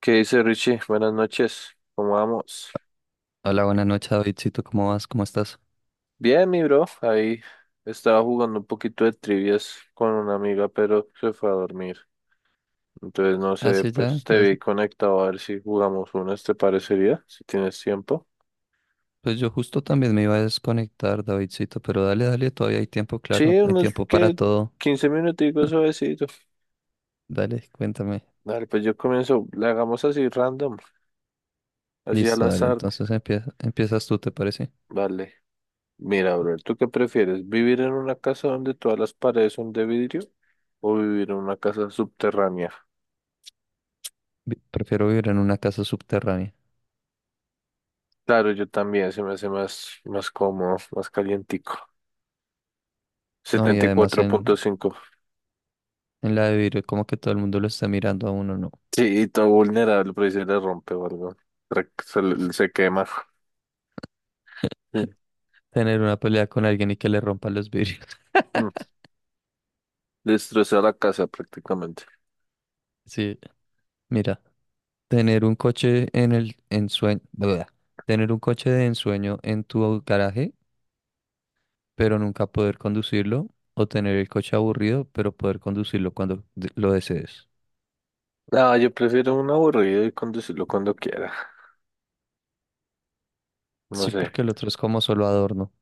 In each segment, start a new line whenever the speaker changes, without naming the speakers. ¿Qué dice Richie? Buenas noches, ¿cómo vamos?
Hola, buenas noches, Davidcito. ¿Cómo vas? ¿Cómo estás?
Bien, mi bro, ahí estaba jugando un poquito de trivias con una amiga, pero se fue a dormir. Entonces, no
Ah,
sé,
sí, ya.
pues te
Ya.
vi conectado a ver si jugamos unas, ¿te parecería? Si tienes tiempo.
Pues yo justo también me iba a desconectar, Davidcito, pero dale, dale, todavía hay tiempo,
Sí,
claro. Hay
unos
tiempo para
que
todo.
15 minuticos suavecito.
Dale, cuéntame.
Dale, pues yo comienzo, le hagamos así random, así al
Listo, dale.
azar.
Entonces empieza, empiezas tú, ¿te parece?
Vale, mira, bro, ¿tú qué prefieres? ¿Vivir en una casa donde todas las paredes son de vidrio o vivir en una casa subterránea?
Prefiero vivir en una casa subterránea.
Claro, yo también, se me hace más cómodo, más calientico.
No, y
Setenta y
además
cuatro punto
en,
cinco.
en la de vidrio, como que todo el mundo lo está mirando a uno, ¿no?
Sí, y todo vulnerable, pero ahí se le rompe o algo. Se quema. Sí.
Tener una pelea con alguien y que le rompan los vidrios.
Mm. Destroza la casa prácticamente.
Sí, mira, tener un coche en el ensueño, tener un coche de ensueño en tu garaje, pero nunca poder conducirlo, o tener el coche aburrido, pero poder conducirlo cuando lo desees.
No, yo prefiero un aburrido y conducirlo cuando quiera. No
Sí,
sé.
porque el otro es como solo adorno.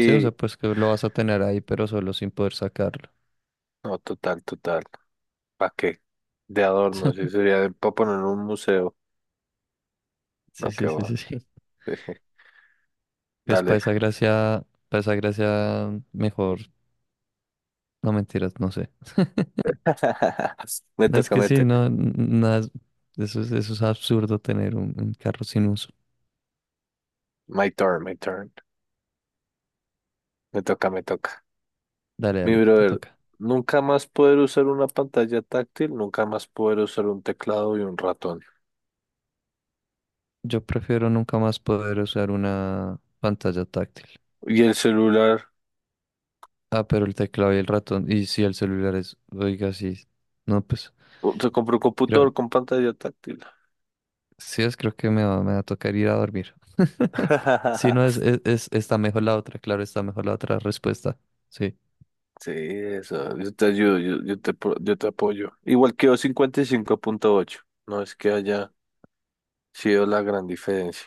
Sí, o sea, pues que lo vas a tener ahí, pero solo sin poder sacarlo.
no, total, total. ¿Para qué? De adorno, sí, sería para poner un museo.
Sí,
No, qué
sí, sí,
va.
sí, sí.
Dije.
Pues
Dale.
para esa gracia, mejor, no mentiras, no sé.
Me
No, es
toca,
que
me
sí,
toca.
no, nada, eso es absurdo tener un carro sin uso.
My turn, my turn. Me toca, me toca.
Dale,
Mi
dale, te
brother,
toca.
nunca más poder usar una pantalla táctil, nunca más poder usar un teclado y un ratón.
Yo prefiero nunca más poder usar una pantalla táctil.
Y el celular,
Ah, pero el teclado y el ratón. Y sí, el celular es. Oiga, sí. No, pues.
se compró un computador
Creo,
con pantalla táctil.
sí, es, creo que me va a tocar ir a dormir. Sí, no, es, está mejor la otra, claro, está mejor la otra respuesta. Sí.
Sí, eso, yo te ayudo, yo te apoyo. Igual quedó 55.8, no es que haya sido la gran diferencia.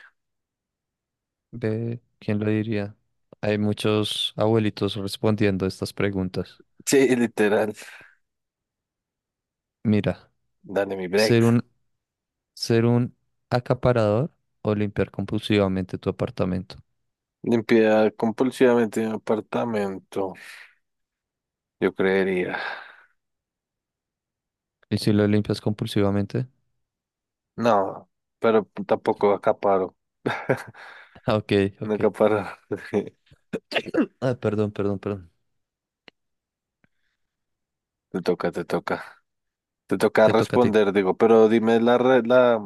Ve, ¿quién lo diría? Hay muchos abuelitos respondiendo estas preguntas.
Sí, literal,
Mira,
dale mi
ser
break.
un, ser un acaparador o limpiar compulsivamente tu apartamento.
Limpiar compulsivamente mi apartamento, yo creería.
¿Y si lo limpias compulsivamente?
No, pero tampoco acaparo.
Ah, ok, ok.
Nunca para.
Ah, perdón, perdón, perdón.
Te toca, te toca. Te toca
Te toca a ti.
responder, digo, pero dime la, re- la,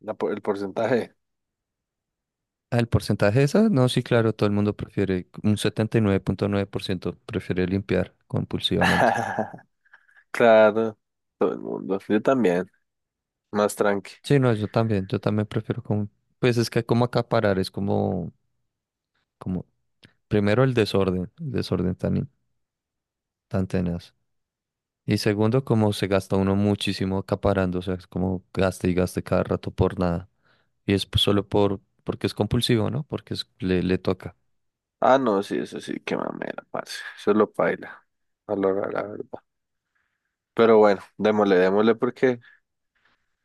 la por- el porcentaje.
Ah, el porcentaje de esas, no, sí,
Sí.
claro, todo el mundo prefiere, un 79.9% prefiere limpiar compulsivamente.
Claro, todo el mundo. Yo también, más tranqui.
Sí, no, yo también prefiero como, pues es que como acaparar, es como, primero el desorden tan tenaz. Y segundo, como se gasta uno muchísimo acaparando, o sea, es como gaste y gaste cada rato por nada. Y es pues solo por, porque es compulsivo, ¿no? Porque le toca.
Ah, no, sí, eso sí, qué mamera, parce. Eso lo paila, a la hora, la verdad. Pero bueno, démosle, démosle porque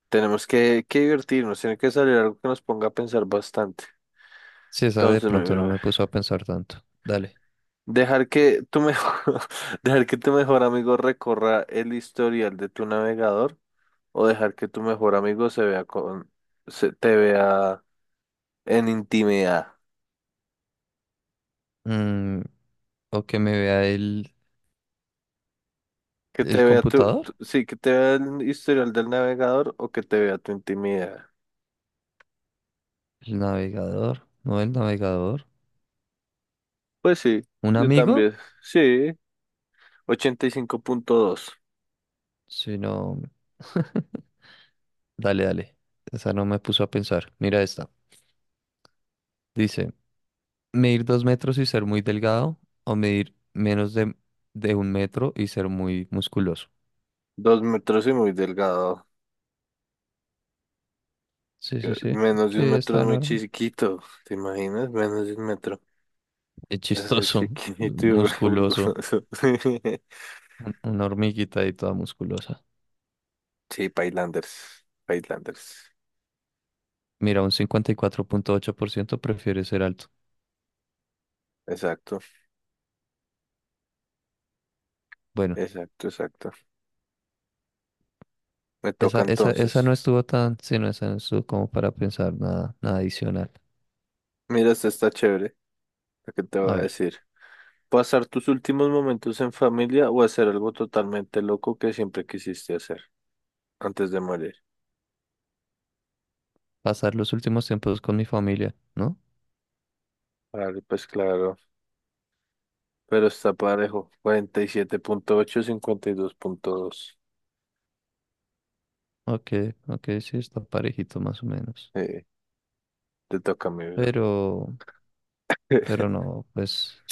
tenemos que divertirnos, tiene que salir algo que nos ponga a pensar bastante.
Sí, esa de
Entonces, mi
pronto no
brother,
me puso a pensar tanto. Dale.
dejar que tu mejor, dejar que tu mejor amigo recorra el historial de tu navegador, o dejar que tu mejor amigo se vea con, se, te vea en intimidad.
Mm, o que me vea el.
Que te
¿El
vea tu,
computador?
tu- Sí, que te vea el historial del navegador o que te vea tu intimidad.
¿El navegador? No, el navegador.
Pues sí,
¿Un
yo
amigo?
también. Sí, 85.2.
Si no... Dale, dale. Esa no me puso a pensar. Mira esta. Dice, medir 2 metros y ser muy delgado o medir menos de 1 metro y ser muy musculoso.
Dos metros y muy delgado.
Sí, sí, sí.
Menos de
Sí,
un metro es
está
muy
normal.
chiquito. ¿Te imaginas? Menos de un metro.
Es
Es re
chistoso.
chiquito y re bulboso.
Musculoso. Una hormiguita y toda musculosa.
Sí, Pailanders. Pailanders.
Mira, un 54.8% prefiere ser alto.
Exacto,
Bueno.
exacto, exacto. Me toca
Esa no
entonces.
estuvo tan, sí, no, esa no estuvo como para pensar nada, nada adicional.
Mira, esta está chévere, lo que te voy
A
a
ver,
decir. Pasar tus últimos momentos en familia o hacer algo totalmente loco que siempre quisiste hacer antes de morir.
pasar los últimos tiempos con mi familia, ¿no?
Vale, pues claro, pero está parejo. 47.8, 52.2.
Ok, ok, sí, está parejito más o menos.
Eh, te toca a mí, bro.
Pero, pero no, pues,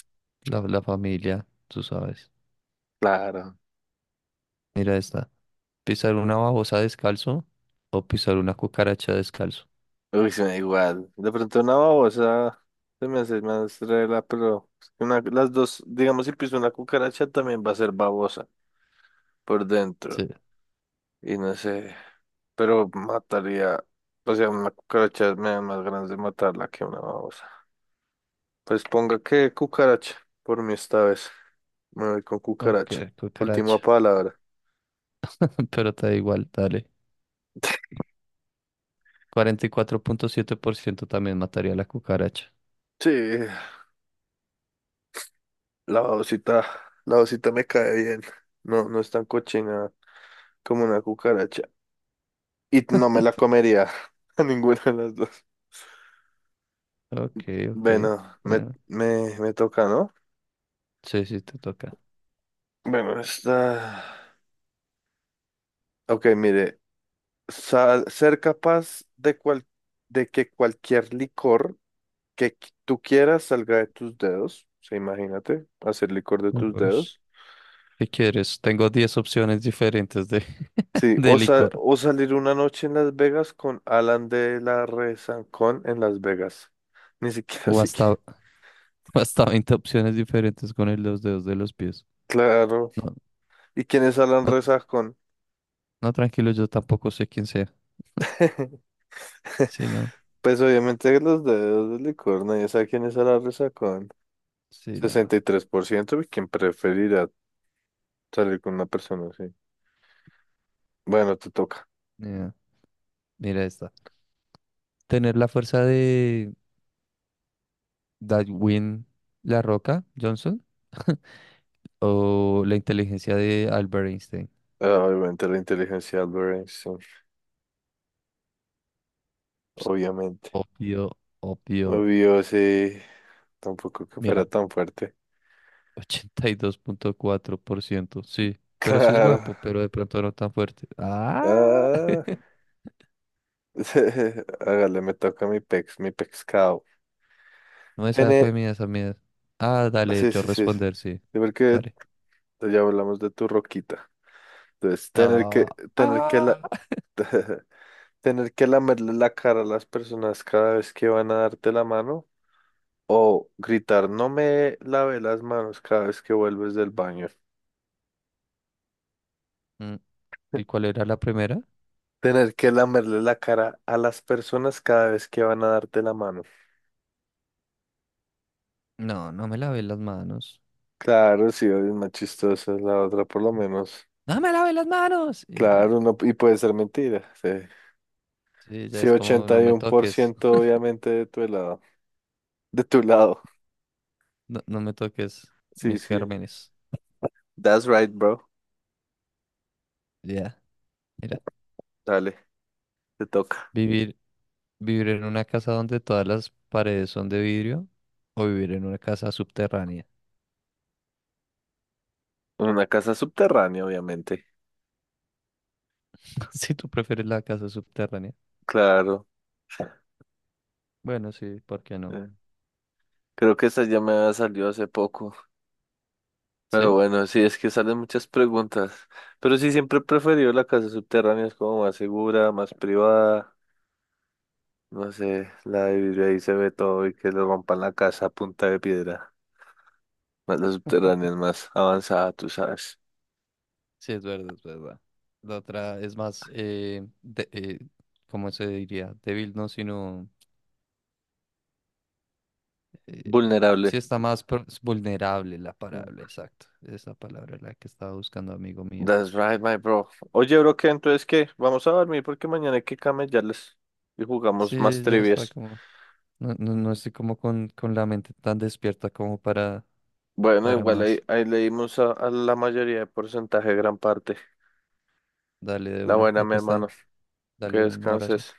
la familia, tú sabes.
Claro.
Mira esta. ¿Pisar una babosa descalzo o pisar una cucaracha descalzo?
Uy, se me da igual. De pronto una babosa se me hace más rela, pero una, las dos, digamos, si piso una cucaracha también va a ser babosa por
Sí,
dentro. Y no sé. Pero mataría, o sea, una cucaracha me da más ganas de matarla que una babosa. Pues ponga que cucaracha, por mí esta vez. Me voy con
ok,
cucaracha. Última
cucaracha.
palabra.
Pero te da igual, dale. 44.7% también mataría a la cucaracha.
Sí, la babosita, la babosita me cae bien. No, no es tan cochina como una cucaracha. Y no me la comería a ninguna de las dos.
Ok, ok.
Bueno,
Bueno,
me toca, ¿no?
sí, sí, te toca.
Bueno, esta... Ok, mire. Sa- ser capaz de, cual- de que cualquier licor tú quieras salga de tus dedos. O sea, imagínate, hacer licor de tus
Ush.
dedos.
¿Qué quieres, tengo 10 opciones diferentes de,
Sí,
de
o,
licor?
o salir una noche en Las Vegas con Alan de la Rezancón en Las Vegas. Ni siquiera así que.
O hasta 20 opciones diferentes con los dedos de los pies.
Claro.
No,
¿Y quién es Alan
no,
Rezancón?
no, tranquilo, yo tampoco sé quién sea. Sí, no.
Pues obviamente los dedos del licor, nadie sabe quién es Alan Rezancón.
Sí, no.
63%, ¿y tres por ciento, ¿y quién preferirá salir con una persona así? Bueno, te toca.
Mira, mira esta. Tener la fuerza de Dwayne La Roca Johnson o la inteligencia de Albert Einstein.
Ah, obviamente la inteligencia de Albert Einstein,
Ps,
obviamente.
obvio, obvio.
Obvio, sí, tampoco que fuera
Mira,
tan fuerte.
82.4% sí. Pero sí es
Claro.
guapo, pero de pronto no tan fuerte. Ah,
Ah, hágale, me toca mi pex, mi pescado.
no, esa fue
Tener,
mía, esa mía. Ah, dale,
sí,
yo
sí, sí, sí.
responder, sí.
Sí, porque
Dale.
ya hablamos de tu roquita. Entonces,
Ah,
tener que la,
ah.
tener que lamerle la cara a las personas cada vez que van a darte la mano, o gritar, no me lave las manos cada vez que vuelves del baño.
Mm, ¿y cuál era la primera?
Tener que lamerle la cara a las personas cada vez que van a darte la mano.
No, no me lavé las manos.
Claro, sí, es más chistosa la otra, por lo menos.
No me lavé las manos. Y ya.
Claro, no, y puede ser mentira. Sí,
Sí, ya
sí,
es como
ochenta
no
y
me
uno por
toques.
ciento obviamente de tu lado. De tu lado.
No, no me toques
Sí,
mis
sí.
gérmenes.
That's right, bro.
Ya, mira.
Dale, te toca.
Vivir. ¿Vivir en una casa donde todas las paredes son de vidrio o vivir en una casa subterránea?
En una casa subterránea, obviamente.
Si tú prefieres la casa subterránea.
Claro.
Bueno, sí, ¿por qué no?
Eh, creo que esa ya me había salido hace poco. Pero
¿Sí?
bueno, sí, es que salen muchas preguntas. Pero sí, siempre he preferido la casa subterránea, es como más segura, más privada. No sé, la de vidrio ahí se ve todo y que le rompan la casa a punta de piedra. Más la subterránea es más avanzada, tú sabes.
Sí, es verdad, es verdad. La otra es más, ¿cómo se diría? Débil, no, sino... eh,
Vulnerable.
sí está más es vulnerable la palabra, exacto. Esa palabra es la que estaba buscando, amigo mío.
That's right, my bro. Oye, bro, ¿qué? Entonces, ¿qué? Vamos a dormir porque mañana hay que camellarles y jugamos más
Sí, ya está
trivias.
como... No, no, no estoy como con la mente tan despierta como
Bueno,
para
igual ahí,
más.
ahí leímos a la mayoría de porcentaje, gran parte.
Dale de
La
una.
buena, mi
Acá está.
hermano. Que
Dale un abrazo.
descanses.